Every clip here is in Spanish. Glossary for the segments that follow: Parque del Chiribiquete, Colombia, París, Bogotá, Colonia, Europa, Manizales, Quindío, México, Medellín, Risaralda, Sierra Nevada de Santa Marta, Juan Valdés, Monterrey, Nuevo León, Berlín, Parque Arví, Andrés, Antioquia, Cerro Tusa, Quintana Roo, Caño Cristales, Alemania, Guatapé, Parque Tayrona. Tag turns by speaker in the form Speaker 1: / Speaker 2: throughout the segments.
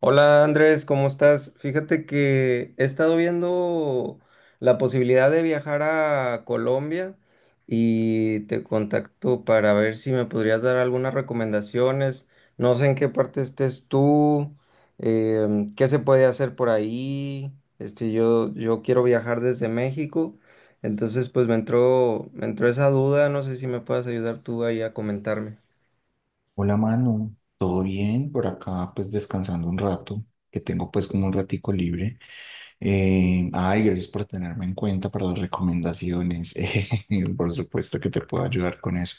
Speaker 1: Hola Andrés, ¿cómo estás? Fíjate que he estado viendo la posibilidad de viajar a Colombia y te contacto para ver si me podrías dar algunas recomendaciones. No sé en qué parte estés tú, qué se puede hacer por ahí. Yo quiero viajar desde México, entonces pues me entró esa duda, no sé si me puedas ayudar tú ahí a comentarme.
Speaker 2: Hola Manu, ¿todo bien? Por acá pues descansando un rato, que tengo pues como un ratico libre. Ay, gracias por tenerme en cuenta para las recomendaciones. Por supuesto que te puedo ayudar con eso.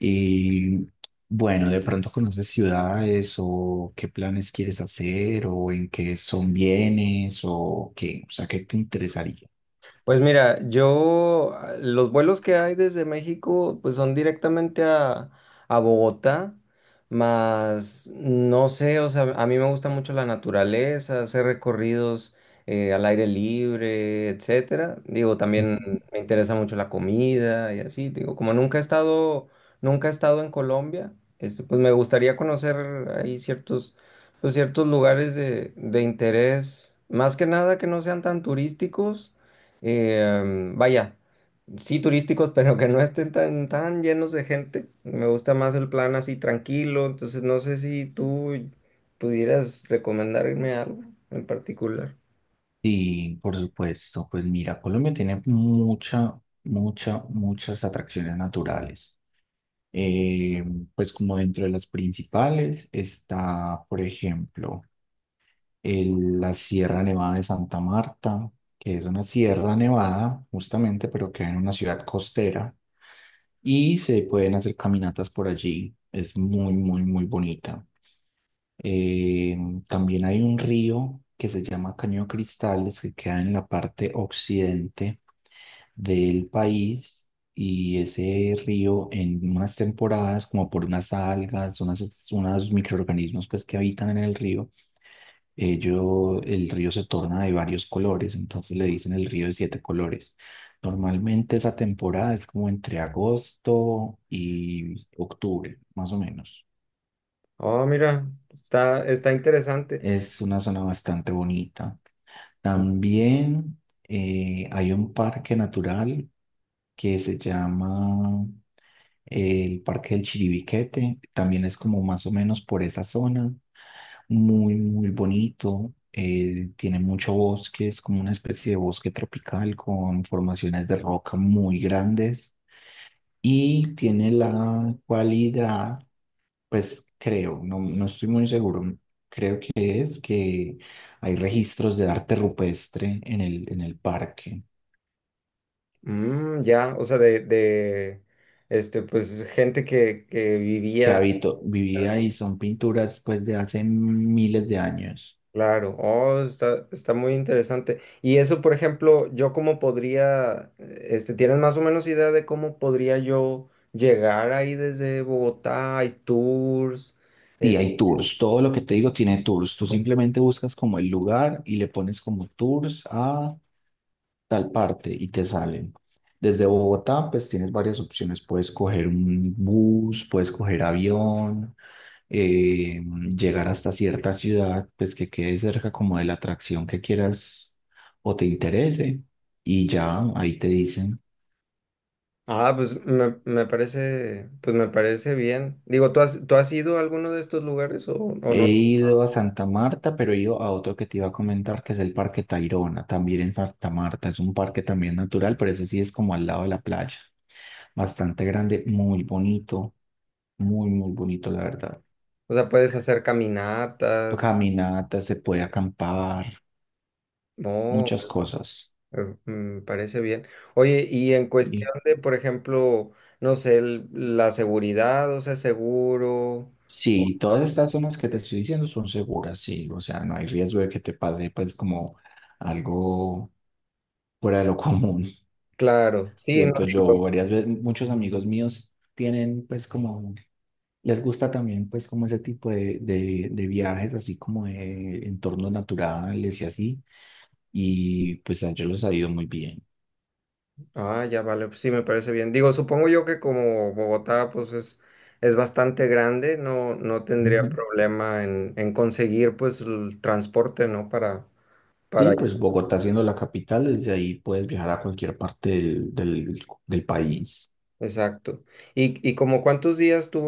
Speaker 2: Y bueno, de pronto conoces ciudades o qué planes quieres hacer o en qué son bienes o qué, o sea, ¿qué te interesaría?
Speaker 1: Pues mira, yo los vuelos que hay desde México pues son directamente a Bogotá, más no sé, o sea, a mí me gusta mucho la naturaleza, hacer recorridos al aire libre, etcétera. Digo,
Speaker 2: Ujú.
Speaker 1: también me interesa mucho la comida y así. Digo, como nunca he estado en Colombia, pues me gustaría conocer ahí pues, ciertos lugares de interés, más que nada que no sean tan turísticos vaya, sí turísticos, pero que no estén tan llenos de gente. Me gusta más el plan así tranquilo, entonces no sé si tú pudieras recomendarme algo en particular.
Speaker 2: Sí, por supuesto. Pues mira, Colombia tiene muchas atracciones naturales. Eh, pues como dentro de las principales está, por ejemplo, la Sierra Nevada de Santa Marta, que es una sierra nevada justamente, pero que hay en una ciudad costera y se pueden hacer caminatas por allí. Es muy bonita. Eh, también hay un río que se llama Caño Cristales, que queda en la parte occidente del país, y ese río en unas temporadas, como por unas algas, unos microorganismos pues que habitan en el río, el río se torna de varios colores, entonces le dicen el río de siete colores. Normalmente esa temporada es como entre agosto y octubre, más o menos.
Speaker 1: Oh, mira, está interesante.
Speaker 2: Es una zona bastante bonita. También hay un parque natural que se llama el Parque del Chiribiquete, también es como más o menos por esa zona, muy, muy bonito, tiene mucho bosque, es como una especie de bosque tropical con formaciones de roca muy grandes y tiene la cualidad, pues creo, no, no estoy muy seguro, creo que es que hay registros de arte rupestre en en el parque.
Speaker 1: Mm, ya, o sea, de pues gente que
Speaker 2: Que
Speaker 1: vivía.
Speaker 2: habito, vivía, y son pinturas pues de hace miles de años.
Speaker 1: Claro, oh, está muy interesante. Y eso, por ejemplo, yo cómo podría, este, ¿tienes más o menos idea de cómo podría yo llegar ahí desde Bogotá? Hay tours.
Speaker 2: Sí,
Speaker 1: es-
Speaker 2: hay tours. Todo lo que te digo tiene tours. Tú simplemente buscas como el lugar y le pones como tours a tal parte y te salen. Desde Bogotá, pues tienes varias opciones. Puedes coger un bus, puedes coger avión, eh, llegar hasta cierta ciudad, pues que quede cerca como de la atracción que quieras o te interese. Y ya ahí te dicen.
Speaker 1: ah, pues me parece, pues me parece bien. Digo, tú has ido a alguno de estos lugares o
Speaker 2: He
Speaker 1: no?
Speaker 2: ido a Santa Marta, pero he ido a otro que te iba a comentar, que es el Parque Tayrona, también en Santa Marta. Es un parque también natural, pero ese sí es como al lado de la playa. Bastante grande, muy bonito, muy, muy bonito, la verdad.
Speaker 1: O sea, puedes hacer caminatas.
Speaker 2: Caminata, se puede acampar,
Speaker 1: No.
Speaker 2: muchas cosas.
Speaker 1: Me parece bien. Oye, y en
Speaker 2: Y
Speaker 1: cuestión de, por ejemplo, no sé, la seguridad, o sea, seguro. o-
Speaker 2: sí, todas estas zonas que te estoy diciendo son seguras, sí. O sea, no hay riesgo de que te pase, pues, como algo fuera de lo común.
Speaker 1: Claro, sí, no
Speaker 2: Siento
Speaker 1: digo.
Speaker 2: yo, varias veces, muchos amigos míos tienen, pues, como, les gusta también, pues, como ese tipo de de viajes, así como de entornos naturales y así. Y pues a ellos les ha ido muy bien.
Speaker 1: Ah, ya vale, pues sí, me parece bien. Digo, supongo yo que como Bogotá, es bastante grande, no tendría
Speaker 2: Ujú.
Speaker 1: problema en conseguir, pues, el transporte, ¿no?
Speaker 2: Sí,
Speaker 1: Para.
Speaker 2: pues Bogotá siendo la capital, desde ahí puedes viajar a cualquier parte del país.
Speaker 1: Exacto. Y como cuántos días tú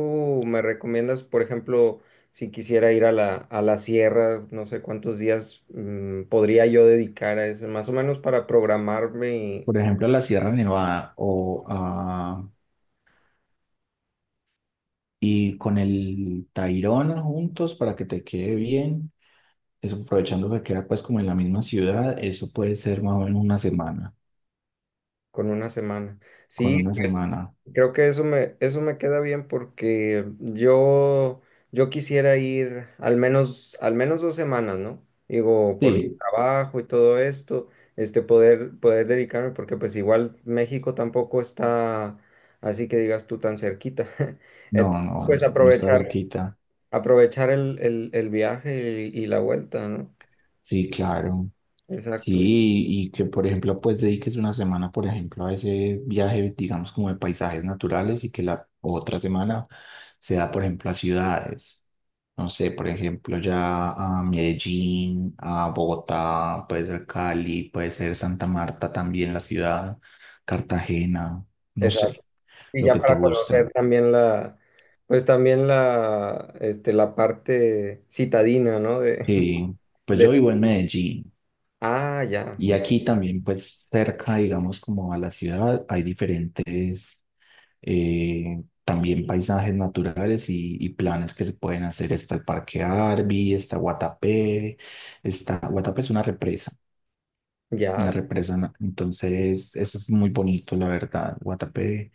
Speaker 1: me recomiendas, por ejemplo, si quisiera ir a a la sierra, no sé cuántos días podría yo dedicar a eso, más o menos para programarme
Speaker 2: Por ejemplo, a la Sierra Nevada o a, y con el Tayrona juntos para que te quede bien. Eso aprovechando que queda pues como en la misma ciudad, eso puede ser más o menos una semana.
Speaker 1: con 1 semana?
Speaker 2: Con
Speaker 1: Sí,
Speaker 2: una semana.
Speaker 1: creo que eso me queda bien porque yo quisiera ir al menos 2 semanas, ¿no? Digo, por mi
Speaker 2: Sí,
Speaker 1: trabajo y todo esto, este, poder dedicarme, porque pues igual México tampoco está así que digas tú tan cerquita.
Speaker 2: no,
Speaker 1: Entonces,
Speaker 2: no,
Speaker 1: pues
Speaker 2: no está cerquita.
Speaker 1: aprovechar el viaje y la vuelta, ¿no?
Speaker 2: Sí, claro. Sí,
Speaker 1: Exacto.
Speaker 2: y que por ejemplo, pues dediques una semana, por ejemplo, a ese viaje, digamos, como de paisajes naturales, y que la otra semana sea, por ejemplo, a ciudades. No sé, por ejemplo, ya a Medellín, a Bogotá, puede ser Cali, puede ser Santa Marta también, la ciudad, Cartagena, no
Speaker 1: Exacto.
Speaker 2: sé,
Speaker 1: Y
Speaker 2: lo
Speaker 1: ya
Speaker 2: que te
Speaker 1: para conocer
Speaker 2: gusta.
Speaker 1: también pues también la, este, la parte citadina, ¿no? De,
Speaker 2: Sí, pues
Speaker 1: de,
Speaker 2: yo vivo en Medellín.
Speaker 1: ah,
Speaker 2: Y aquí también, pues cerca, digamos, como a la ciudad, hay diferentes también paisajes naturales y planes que se pueden hacer. Está el Parque Arví, está, Guatapé es una represa,
Speaker 1: ya,
Speaker 2: entonces eso es muy bonito, la verdad. Guatapé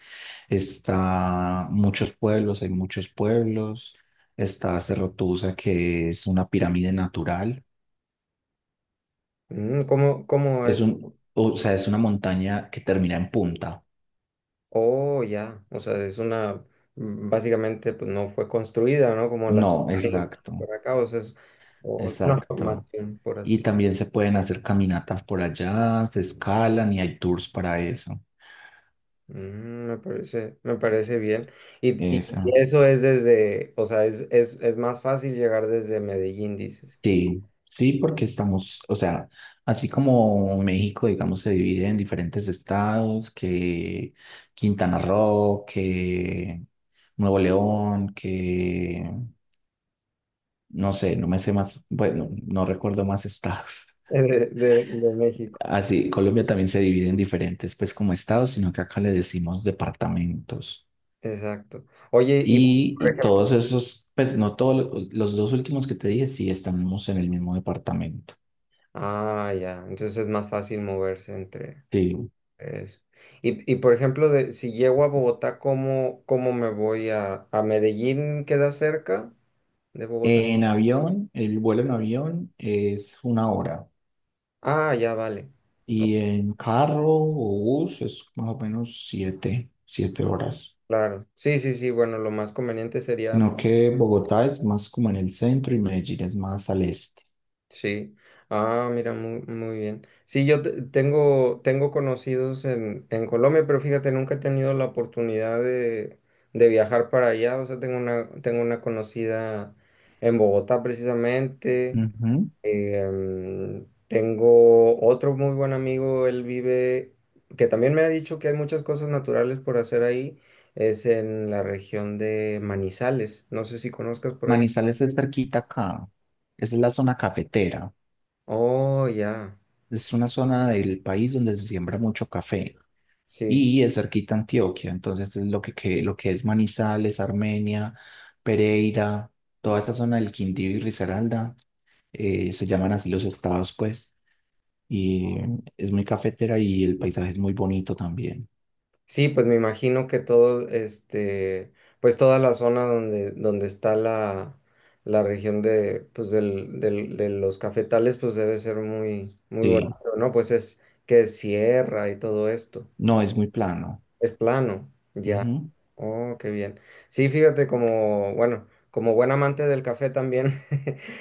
Speaker 2: está muchos pueblos, hay muchos pueblos. Está Cerro Tusa, que es una pirámide natural.
Speaker 1: mm, cómo
Speaker 2: Es
Speaker 1: es?
Speaker 2: un, o sea, es una montaña que termina en punta.
Speaker 1: Oh, ya, o sea, es una, mm, básicamente, pues no fue construida, ¿no? Como las
Speaker 2: No,
Speaker 1: pirámides
Speaker 2: exacto,
Speaker 1: por acá, o sea, es, o es una
Speaker 2: exacto.
Speaker 1: formación, por
Speaker 2: Y
Speaker 1: así.
Speaker 2: también se pueden hacer caminatas por allá, se escalan y hay tours para eso.
Speaker 1: Mm, me parece bien. Y
Speaker 2: Eso.
Speaker 1: eso es desde, o sea, es más fácil llegar desde Medellín, dices,
Speaker 2: Sí, sí, porque estamos, o sea, así como México, digamos, se divide en diferentes estados, que Quintana Roo, que Nuevo León, que no sé, no me sé más, bueno, no recuerdo más estados.
Speaker 1: de de México.
Speaker 2: Así, Colombia también se divide en diferentes, pues como estados, sino que acá le decimos departamentos.
Speaker 1: Exacto. Oye, y por
Speaker 2: Y
Speaker 1: ejemplo,
Speaker 2: todos esos, pues no todos, los dos últimos que te dije, sí estamos en el mismo departamento.
Speaker 1: ah, ya, entonces es más fácil moverse entre
Speaker 2: Sí.
Speaker 1: eso. Y por ejemplo, de, si llego a Bogotá, cómo me voy a Medellín? ¿Queda cerca de Bogotá?
Speaker 2: En avión, el vuelo en avión es una hora.
Speaker 1: Ah, ya, vale.
Speaker 2: Y
Speaker 1: Oh,
Speaker 2: en carro o bus es más o menos siete horas.
Speaker 1: claro. Sí, sí, sí, bueno, lo más conveniente sería.
Speaker 2: Sino que Bogotá es más como en el centro y Medellín es más al este.
Speaker 1: Sí. Ah, mira, muy bien. Sí, yo tengo, tengo conocidos en Colombia, pero fíjate, nunca he tenido la oportunidad de viajar para allá. O sea, tengo una conocida en Bogotá precisamente.
Speaker 2: Ujú.
Speaker 1: Tengo otro muy buen amigo, él vive, que también me ha dicho que hay muchas cosas naturales por hacer ahí. Es en la región de Manizales. No sé si conozcas por allá.
Speaker 2: Manizales es cerquita acá. Esa es la zona cafetera.
Speaker 1: Oh, ya.
Speaker 2: Es una zona del país donde se siembra mucho café.
Speaker 1: Sí.
Speaker 2: Y es cerquita a Antioquia. Entonces, es lo que, lo que es Manizales, Armenia, Pereira, toda esa zona del Quindío y Risaralda, se llaman así los estados, pues, y es muy cafetera y el paisaje es muy bonito también.
Speaker 1: Sí, pues me imagino que todo, este, pues toda la zona donde, donde está la región de, pues de los cafetales, pues debe ser muy
Speaker 2: Sí,
Speaker 1: bonito, ¿no? Pues es que es sierra y todo esto.
Speaker 2: no, es muy plano.
Speaker 1: Es plano, ya.
Speaker 2: Ujú.
Speaker 1: Oh, qué bien. Sí, fíjate, como, bueno, como buen amante del café también,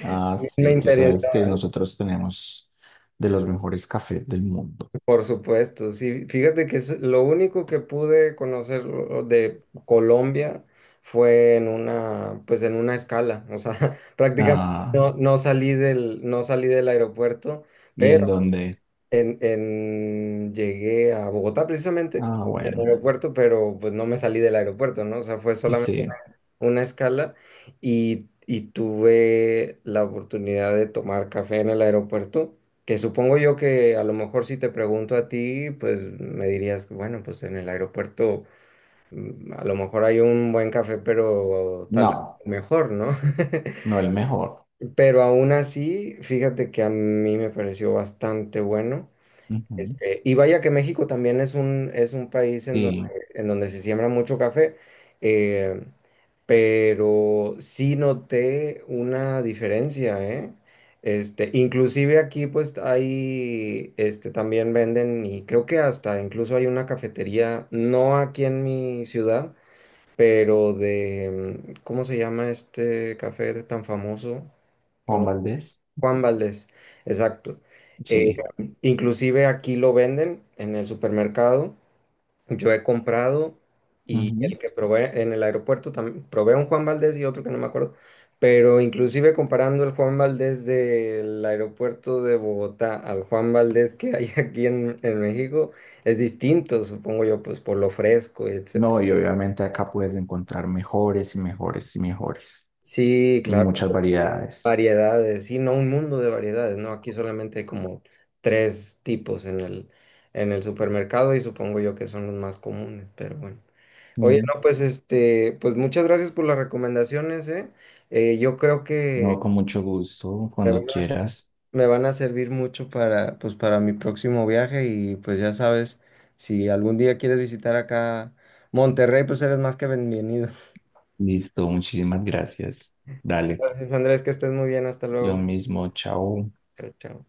Speaker 2: Ah,
Speaker 1: me
Speaker 2: sí, tú
Speaker 1: interesó.
Speaker 2: sabes que nosotros tenemos de los mejores cafés del mundo.
Speaker 1: Por supuesto, sí. Fíjate que es lo único que pude conocer de Colombia fue en una, pues en una escala. O sea, prácticamente
Speaker 2: Ah,
Speaker 1: no salí del, no salí del aeropuerto,
Speaker 2: y en
Speaker 1: pero
Speaker 2: donde,
Speaker 1: llegué a Bogotá precisamente,
Speaker 2: ah,
Speaker 1: al
Speaker 2: bueno,
Speaker 1: aeropuerto, pero pues no me salí del aeropuerto, ¿no? O sea, fue solamente
Speaker 2: sí,
Speaker 1: una escala y tuve la oportunidad de tomar café en el aeropuerto, que supongo yo que a lo mejor si te pregunto a ti, pues me dirías, bueno, pues en el aeropuerto mm, a lo mejor hay un buen café, pero tal vez
Speaker 2: no,
Speaker 1: mejor, ¿no?
Speaker 2: no el mejor.
Speaker 1: Pero aún así, fíjate que a mí me pareció bastante bueno.
Speaker 2: Ujú.
Speaker 1: Este, y vaya que México también es un país
Speaker 2: Sí,
Speaker 1: en donde se siembra mucho café. Eh, pero sí noté una diferencia, ¿eh? Este, inclusive aquí pues hay, este, también venden y creo que hasta incluso hay una cafetería, no aquí en mi ciudad, pero de, mm, ¿cómo se llama este café tan famoso?
Speaker 2: Juan
Speaker 1: Con
Speaker 2: Valdés,
Speaker 1: Juan Valdés, exacto. Eh,
Speaker 2: sí.
Speaker 1: inclusive aquí lo venden en el supermercado, yo he comprado, y
Speaker 2: Ujú.
Speaker 1: el que probé en el aeropuerto también, probé un Juan Valdez y otro que no me acuerdo, pero inclusive comparando el Juan Valdez del aeropuerto de Bogotá al Juan Valdez que hay aquí en México, es distinto, supongo yo, pues por lo fresco y etcétera.
Speaker 2: No, y obviamente acá puedes encontrar mejores y mejores y mejores,
Speaker 1: Sí,
Speaker 2: y
Speaker 1: claro,
Speaker 2: muchas variedades.
Speaker 1: variedades, sí, no un mundo de variedades, ¿no? Aquí solamente hay como 3 tipos en el supermercado y supongo yo que son los más comunes, pero bueno. Oye,
Speaker 2: Ujú.
Speaker 1: no, pues este, pues muchas gracias por las recomendaciones, ¿eh? Yo creo que
Speaker 2: No, con mucho gusto,
Speaker 1: me van
Speaker 2: cuando
Speaker 1: a,
Speaker 2: quieras.
Speaker 1: me van a servir mucho para, pues, para mi próximo viaje y pues ya sabes, si algún día quieres visitar acá Monterrey, pues eres más que bienvenido.
Speaker 2: Listo, muchísimas gracias. Dale,
Speaker 1: Gracias, Andrés, que estés muy bien, hasta
Speaker 2: lo
Speaker 1: luego.
Speaker 2: mismo, chao.
Speaker 1: Chao, chao.